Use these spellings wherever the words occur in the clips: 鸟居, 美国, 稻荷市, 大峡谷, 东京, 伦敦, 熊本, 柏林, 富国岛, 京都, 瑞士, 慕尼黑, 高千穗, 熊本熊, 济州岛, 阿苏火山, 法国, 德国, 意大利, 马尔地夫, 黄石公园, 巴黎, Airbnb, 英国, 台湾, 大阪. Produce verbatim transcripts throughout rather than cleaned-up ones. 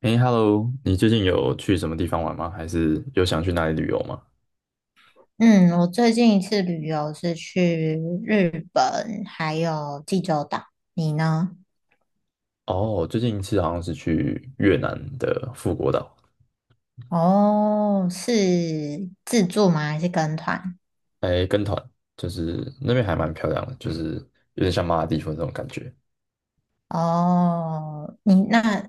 哎，Hello，你最近有去什么地方玩吗？还是有想去哪里旅游吗？嗯，我最近一次旅游是去日本，还有济州岛。你呢？哦，最近一次好像是去越南的富国岛。哦，是自助吗？还是跟团？哎，跟团。就是那边还蛮漂亮的，就是有点像马尔地夫那种感觉。哦，你那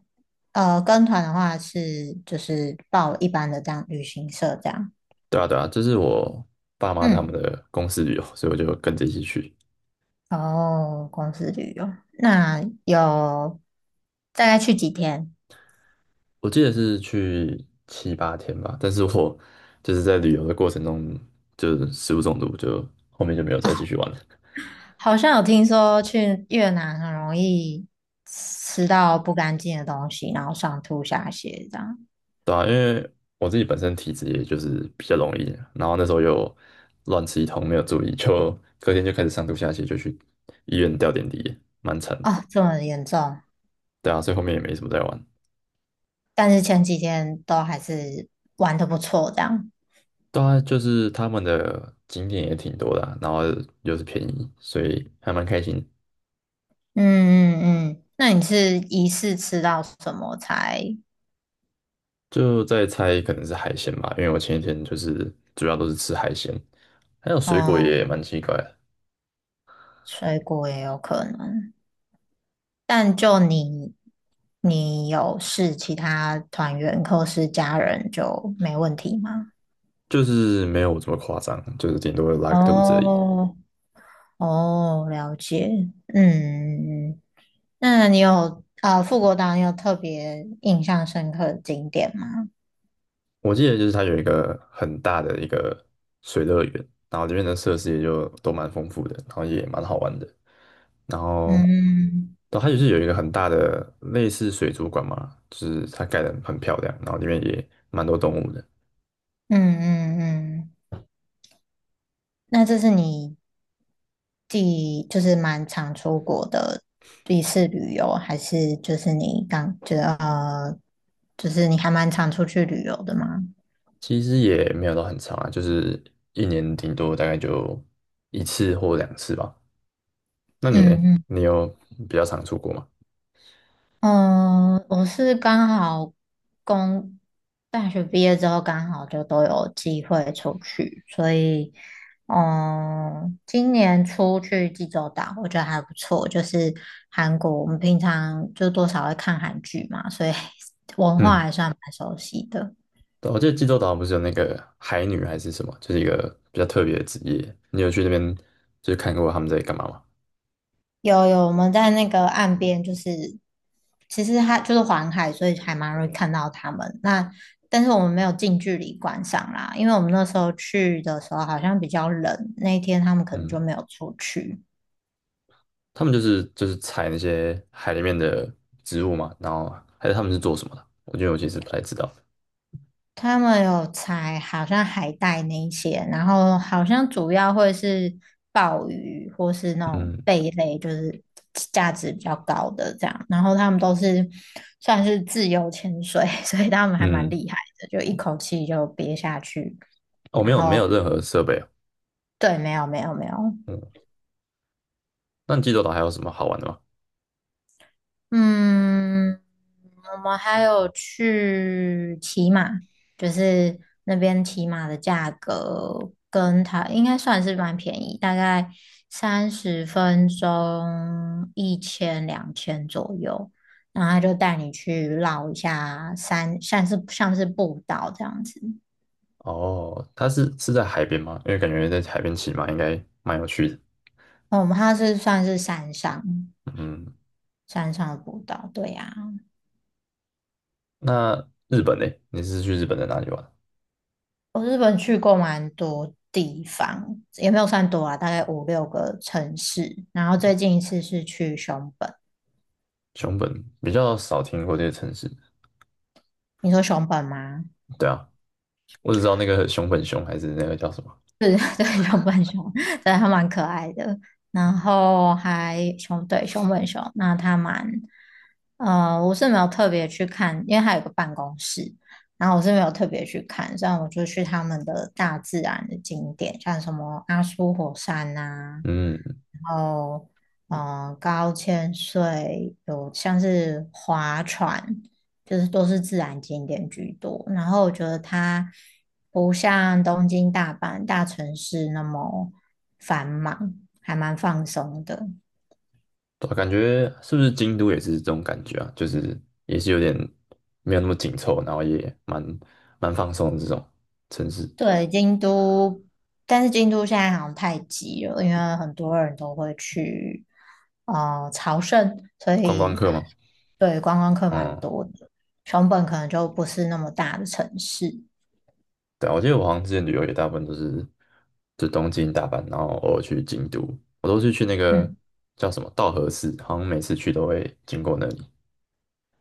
呃，跟团的话是就是报一般的这样旅行社这样。对啊，对啊，这是我爸妈他们嗯，的公司旅游，所以我就跟着一起去。哦，公司旅游，那有大概去几天？我记得是去七八天吧，但是我 就是在旅游的过程中就是食物中毒，就后面就没有 再啊？继续玩了。好像有听说去越南很容易吃到不干净的东西，然后上吐下泻这样。对啊，因为我自己本身体质也就是比较容易，然后那时候又乱吃一通，没有注意，就隔天就开始上吐下泻，就去医院吊点滴，蛮惨的。哦，这么严重？对啊，所以后面也没什么在玩。但是前几天都还是玩的不错这样。对啊，就是他们的景点也挺多的啊，然后又是便宜，所以还蛮开心。嗯嗯嗯，那你是疑似吃到什么才？就在猜可能是海鲜吧，因为我前一天就是主要都是吃海鲜，还有水果也哦，蛮奇怪的。水果也有可能。但就你，你有试其他团员或是家人就没问题吗？就是没有这么夸张，就是顶多拉个肚子而已。哦，哦，了解。嗯，那你有啊，富国岛你有特别印象深刻的景点吗？我记得就是它有一个很大的一个水乐园，然后里面的设施也就都蛮丰富的，然后也蛮好玩的。然后，嗯然后它就是有一个很大的类似水族馆嘛，就是它盖得很漂亮，然后里面也蛮多动物的。嗯嗯嗯，那这是你第就是蛮常出国的一次旅游，还是就是你刚就是呃，就是你还蛮常出去旅游的吗？其实也没有到很长啊，就是一年顶多大概就一次或两次吧。那你呢？嗯嗯你有比较常出国吗？嗯，我是刚好工大学毕业之后，刚好就都有机会出去，所以，嗯，今年出去济州岛，我觉得还不错。就是韩国，我们平常就多少会看韩剧嘛，所以 文化嗯。还算蛮熟悉的。对我记得济州岛不是有那个海女还是什么，就是一个比较特别的职业。你有去那边就是看过他们在干嘛吗？有有，我们在那个岸边，就是其实它就是环海，所以还蛮容易看到它们。那但是我们没有近距离观赏啦，因为我们那时候去的时候好像比较冷，那一天他们可能就嗯，没有出去。他们就是就是采那些海里面的植物嘛，然后还是他们是做什么的？我觉得我其实不太知道。他们有采好像海带那一些，然后好像主要会是鲍鱼或是那种嗯贝类，就是价值比较高的这样。然后他们都是算是自由潜水，所以他们还蛮嗯，厉害的，就一口气就憋下去。哦，没然有没后有任何设备哦。对，没有没有没有，嗯，那济州岛还有什么好玩的吗？嗯，我们还有去骑马，就是那边骑马的价格跟它应该算是蛮便宜，大概三十分钟一千两千左右，然后他就带你去绕一下山，像是像是步道这样子。哦，它是是在海边吗？因为感觉在海边骑马应该蛮有趣的。哦我们它是算是山上嗯，山上的步道，对呀、那日本呢？你是去日本的哪里玩？我日本去过蛮多地方，也没有算多啊，大概五六个城市。然后最近一次是去熊本，熊本比较少听过这个城市。你说熊本吗？对啊，我只知道那个熊本熊还是那个叫什么。对对熊本熊，对，它蛮可爱的。然后还熊，对，熊本熊，那它蛮，呃，我是没有特别去看，因为它有个办公室，然后我是没有特别去看，这样我就去他们的大自然的景点，像什么阿苏火山啊，嗯，然后，呃，高千穗有像是划船。就是都是自然景点居多。然后我觉得它不像东京、大阪大城市那么繁忙，还蛮放松的。对啊，感觉是不是京都也是这种感觉啊？就是也是有点没有那么紧凑，然后也蛮蛮放松的这种城市。对，京都，但是京都现在好像太挤了，因为很多人都会去呃朝圣，所观光以客嘛。对观光客蛮嗯，多的。熊本可能就不是那么大的城市，对啊，我记得我好像之前旅游也大部分都是就东京、大阪，然后偶尔去京都。我都是去那个嗯，叫什么稻荷市，好像每次去都会经过那里。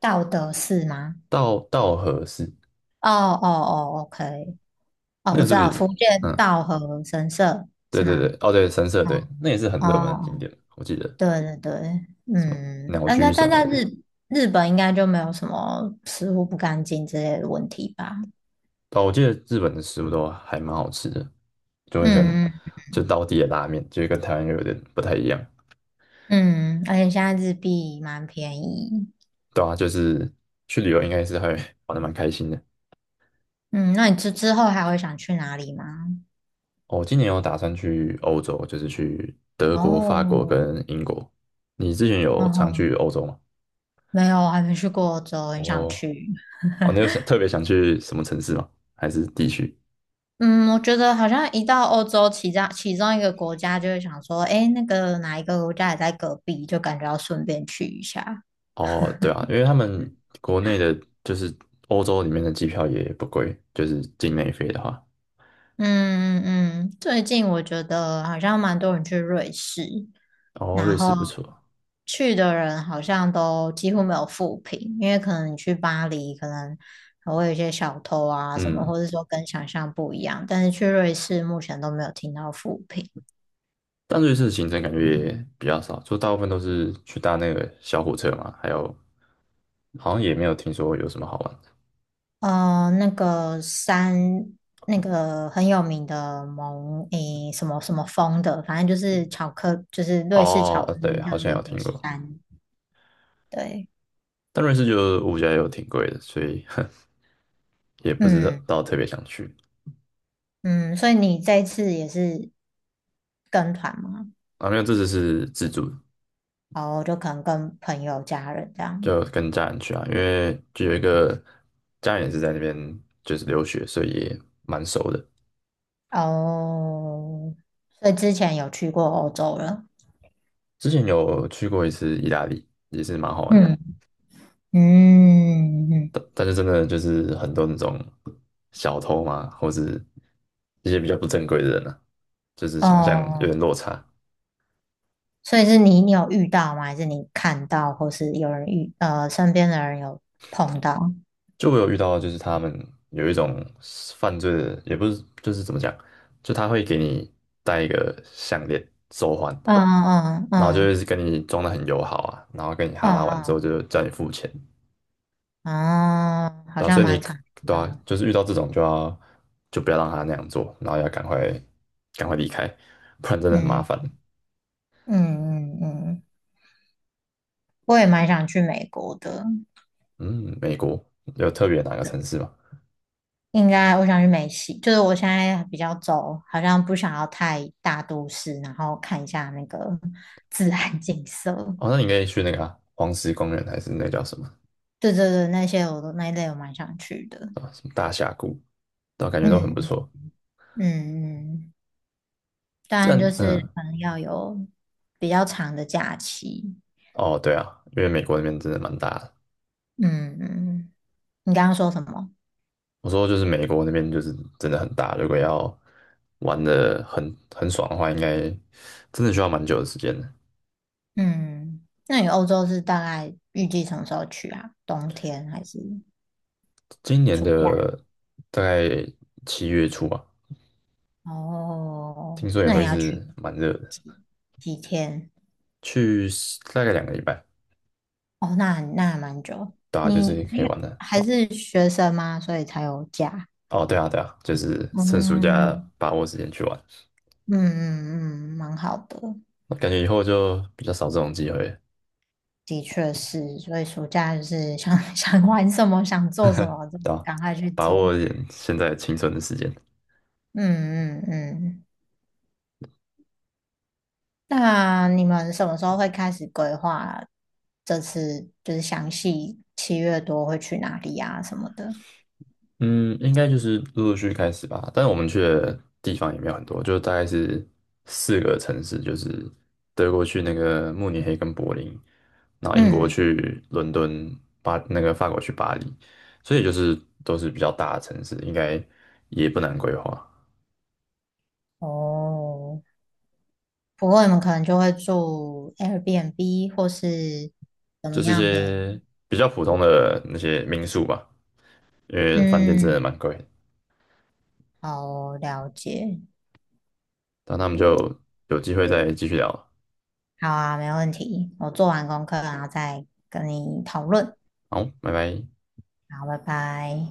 道德寺吗？稻稻荷市。哦哦哦，OK，哦，那我个知是不道是？福建嗯，道和神社对是对吗？对，哦对，神社对，那也是很哦热门的景哦，点，我记得。对对对，什么嗯，鸟但居在什但么在的。日日本应该就没有什么食物不干净之类的问题吧？哦，我记得日本的食物都还蛮好吃的，就很喜欢嗯嗯就道地的拉面，就是跟台湾又有点不太一样。嗯，而且现在日币蛮便宜。对啊，就是去旅游应该是还 玩的蛮开心的。嗯，那你之之后还会想去哪里吗？哦，今年有打算去欧洲，就是去德国、法国哦，跟英国。你之前嗯有常去哼欧洲吗？没有，还没去过欧洲，很想哦去。哦，你有想特别想去什么城市吗？还是地区？嗯，我觉得好像一到欧洲其他其中一个国家，就会想说，诶，那个哪一个国家也在隔壁，就感觉要顺便去一下。哦，对啊，因为他们国内的，就是欧洲里面的机票也不贵，就是境内飞的话。嗯嗯嗯，最近我觉得好像蛮多人去瑞士，哦，瑞然士后不错。去的人好像都几乎没有负评，因为可能你去巴黎，可能还会有一些小偷啊什么，嗯，或者说跟想象不一样，但是去瑞士目前都没有听到负评。但瑞士的行程感觉也比较少，就大部分都是去搭那个小火车嘛，还有好像也没有听说有什么好玩的。呃，那个山，那个很有名的蒙，诶，什么什么峰的，反正就是巧克，就是瑞士巧哦，克对，力好上像面有有个听过，山。对，但瑞士就物价又挺贵的，所以 也不知嗯道特别想去。嗯，所以你这次也是跟团吗？啊，没有，这次是自助。哦，就可能跟朋友、家人这样。就跟家人去啊，因为就有一个家人也是在那边就是留学，所以也蛮熟的。哦，所以之前有去过欧洲了。之前有去过一次意大利，也是蛮好玩的。嗯嗯嗯，嗯但嗯但是真的就是很多那种小偷嘛，或者一些比较不正规的人啊，就是嗯想象有哦。点落差。所以是你你有遇到吗？还是你看到，或是有人遇呃身边的人有碰到？就我有遇到，就是他们有一种犯罪的，也不是就是怎么讲，就他会给你戴一个项链手环，嗯嗯然后就嗯会跟你装的很友好啊，然后跟你哈拉嗯完之后嗯就叫你付钱。哦，好对啊，像所以你蛮可常遇对啊，到。就是遇到这种就要就不要让他那样做，然后要赶快赶快离开，不然真的很麻烦。嗯嗯嗯嗯，我也蛮想去美国的。嗯，美国有特别哪个城市吗？应该我想去美西，就是我现在比较走，好像不想要太大都市，然后看一下那个自然景色。哦，那你可以去那个啊，黄石公园，还是那叫什么对对对，那些我都那一类我蛮想去的。什么大峡谷，都感觉都很不嗯错。嗯嗯。当但然就是嗯，可能要有比较长的假期。哦，对啊，因为美国那边真的蛮大的。嗯，你刚刚说什么？我说就是美国那边就是真的很大，如果要玩的很很爽的话，应该真的需要蛮久的时间的。嗯，那你欧洲是大概预计什么时候去啊？冬天还是今年暑假？的大概七月初吧，听哦，说也那你会要去是蛮热的，几几天？去大概两个礼拜，哦，那那还蛮久。大家就你是你可以玩的。还是学生吗？所以才有假。哦，对啊，对啊，就是趁暑假嗯把握时间去玩，嗯嗯嗯，嗯蛮好的。感觉以后就比较少这种机会，的确是，所以暑假就是想 想玩什么，想做什么就对吧？赶快去把做。握一点现在青春的时间。嗯嗯嗯。那你们什么时候会开始规划？这次就是详细七月多会去哪里啊什么的？嗯，应该就是陆陆续续开始吧。但是我们去的地方也没有很多，就大概是四个城市，就是德国去那个慕尼黑跟柏林，然后英国嗯，去伦敦，巴那个法国去巴黎，所以就是都是比较大的城市，应该也不难规划，哦，不过你们可能就会住 Airbnb 或是怎么就是一样的？些比较普通的那些民宿吧。因为饭店真的嗯，蛮贵的。好，了解。那我们就有机会再继续聊了。好啊，没问题。我做完功课，然后再跟你讨论。好，拜拜。好，拜拜。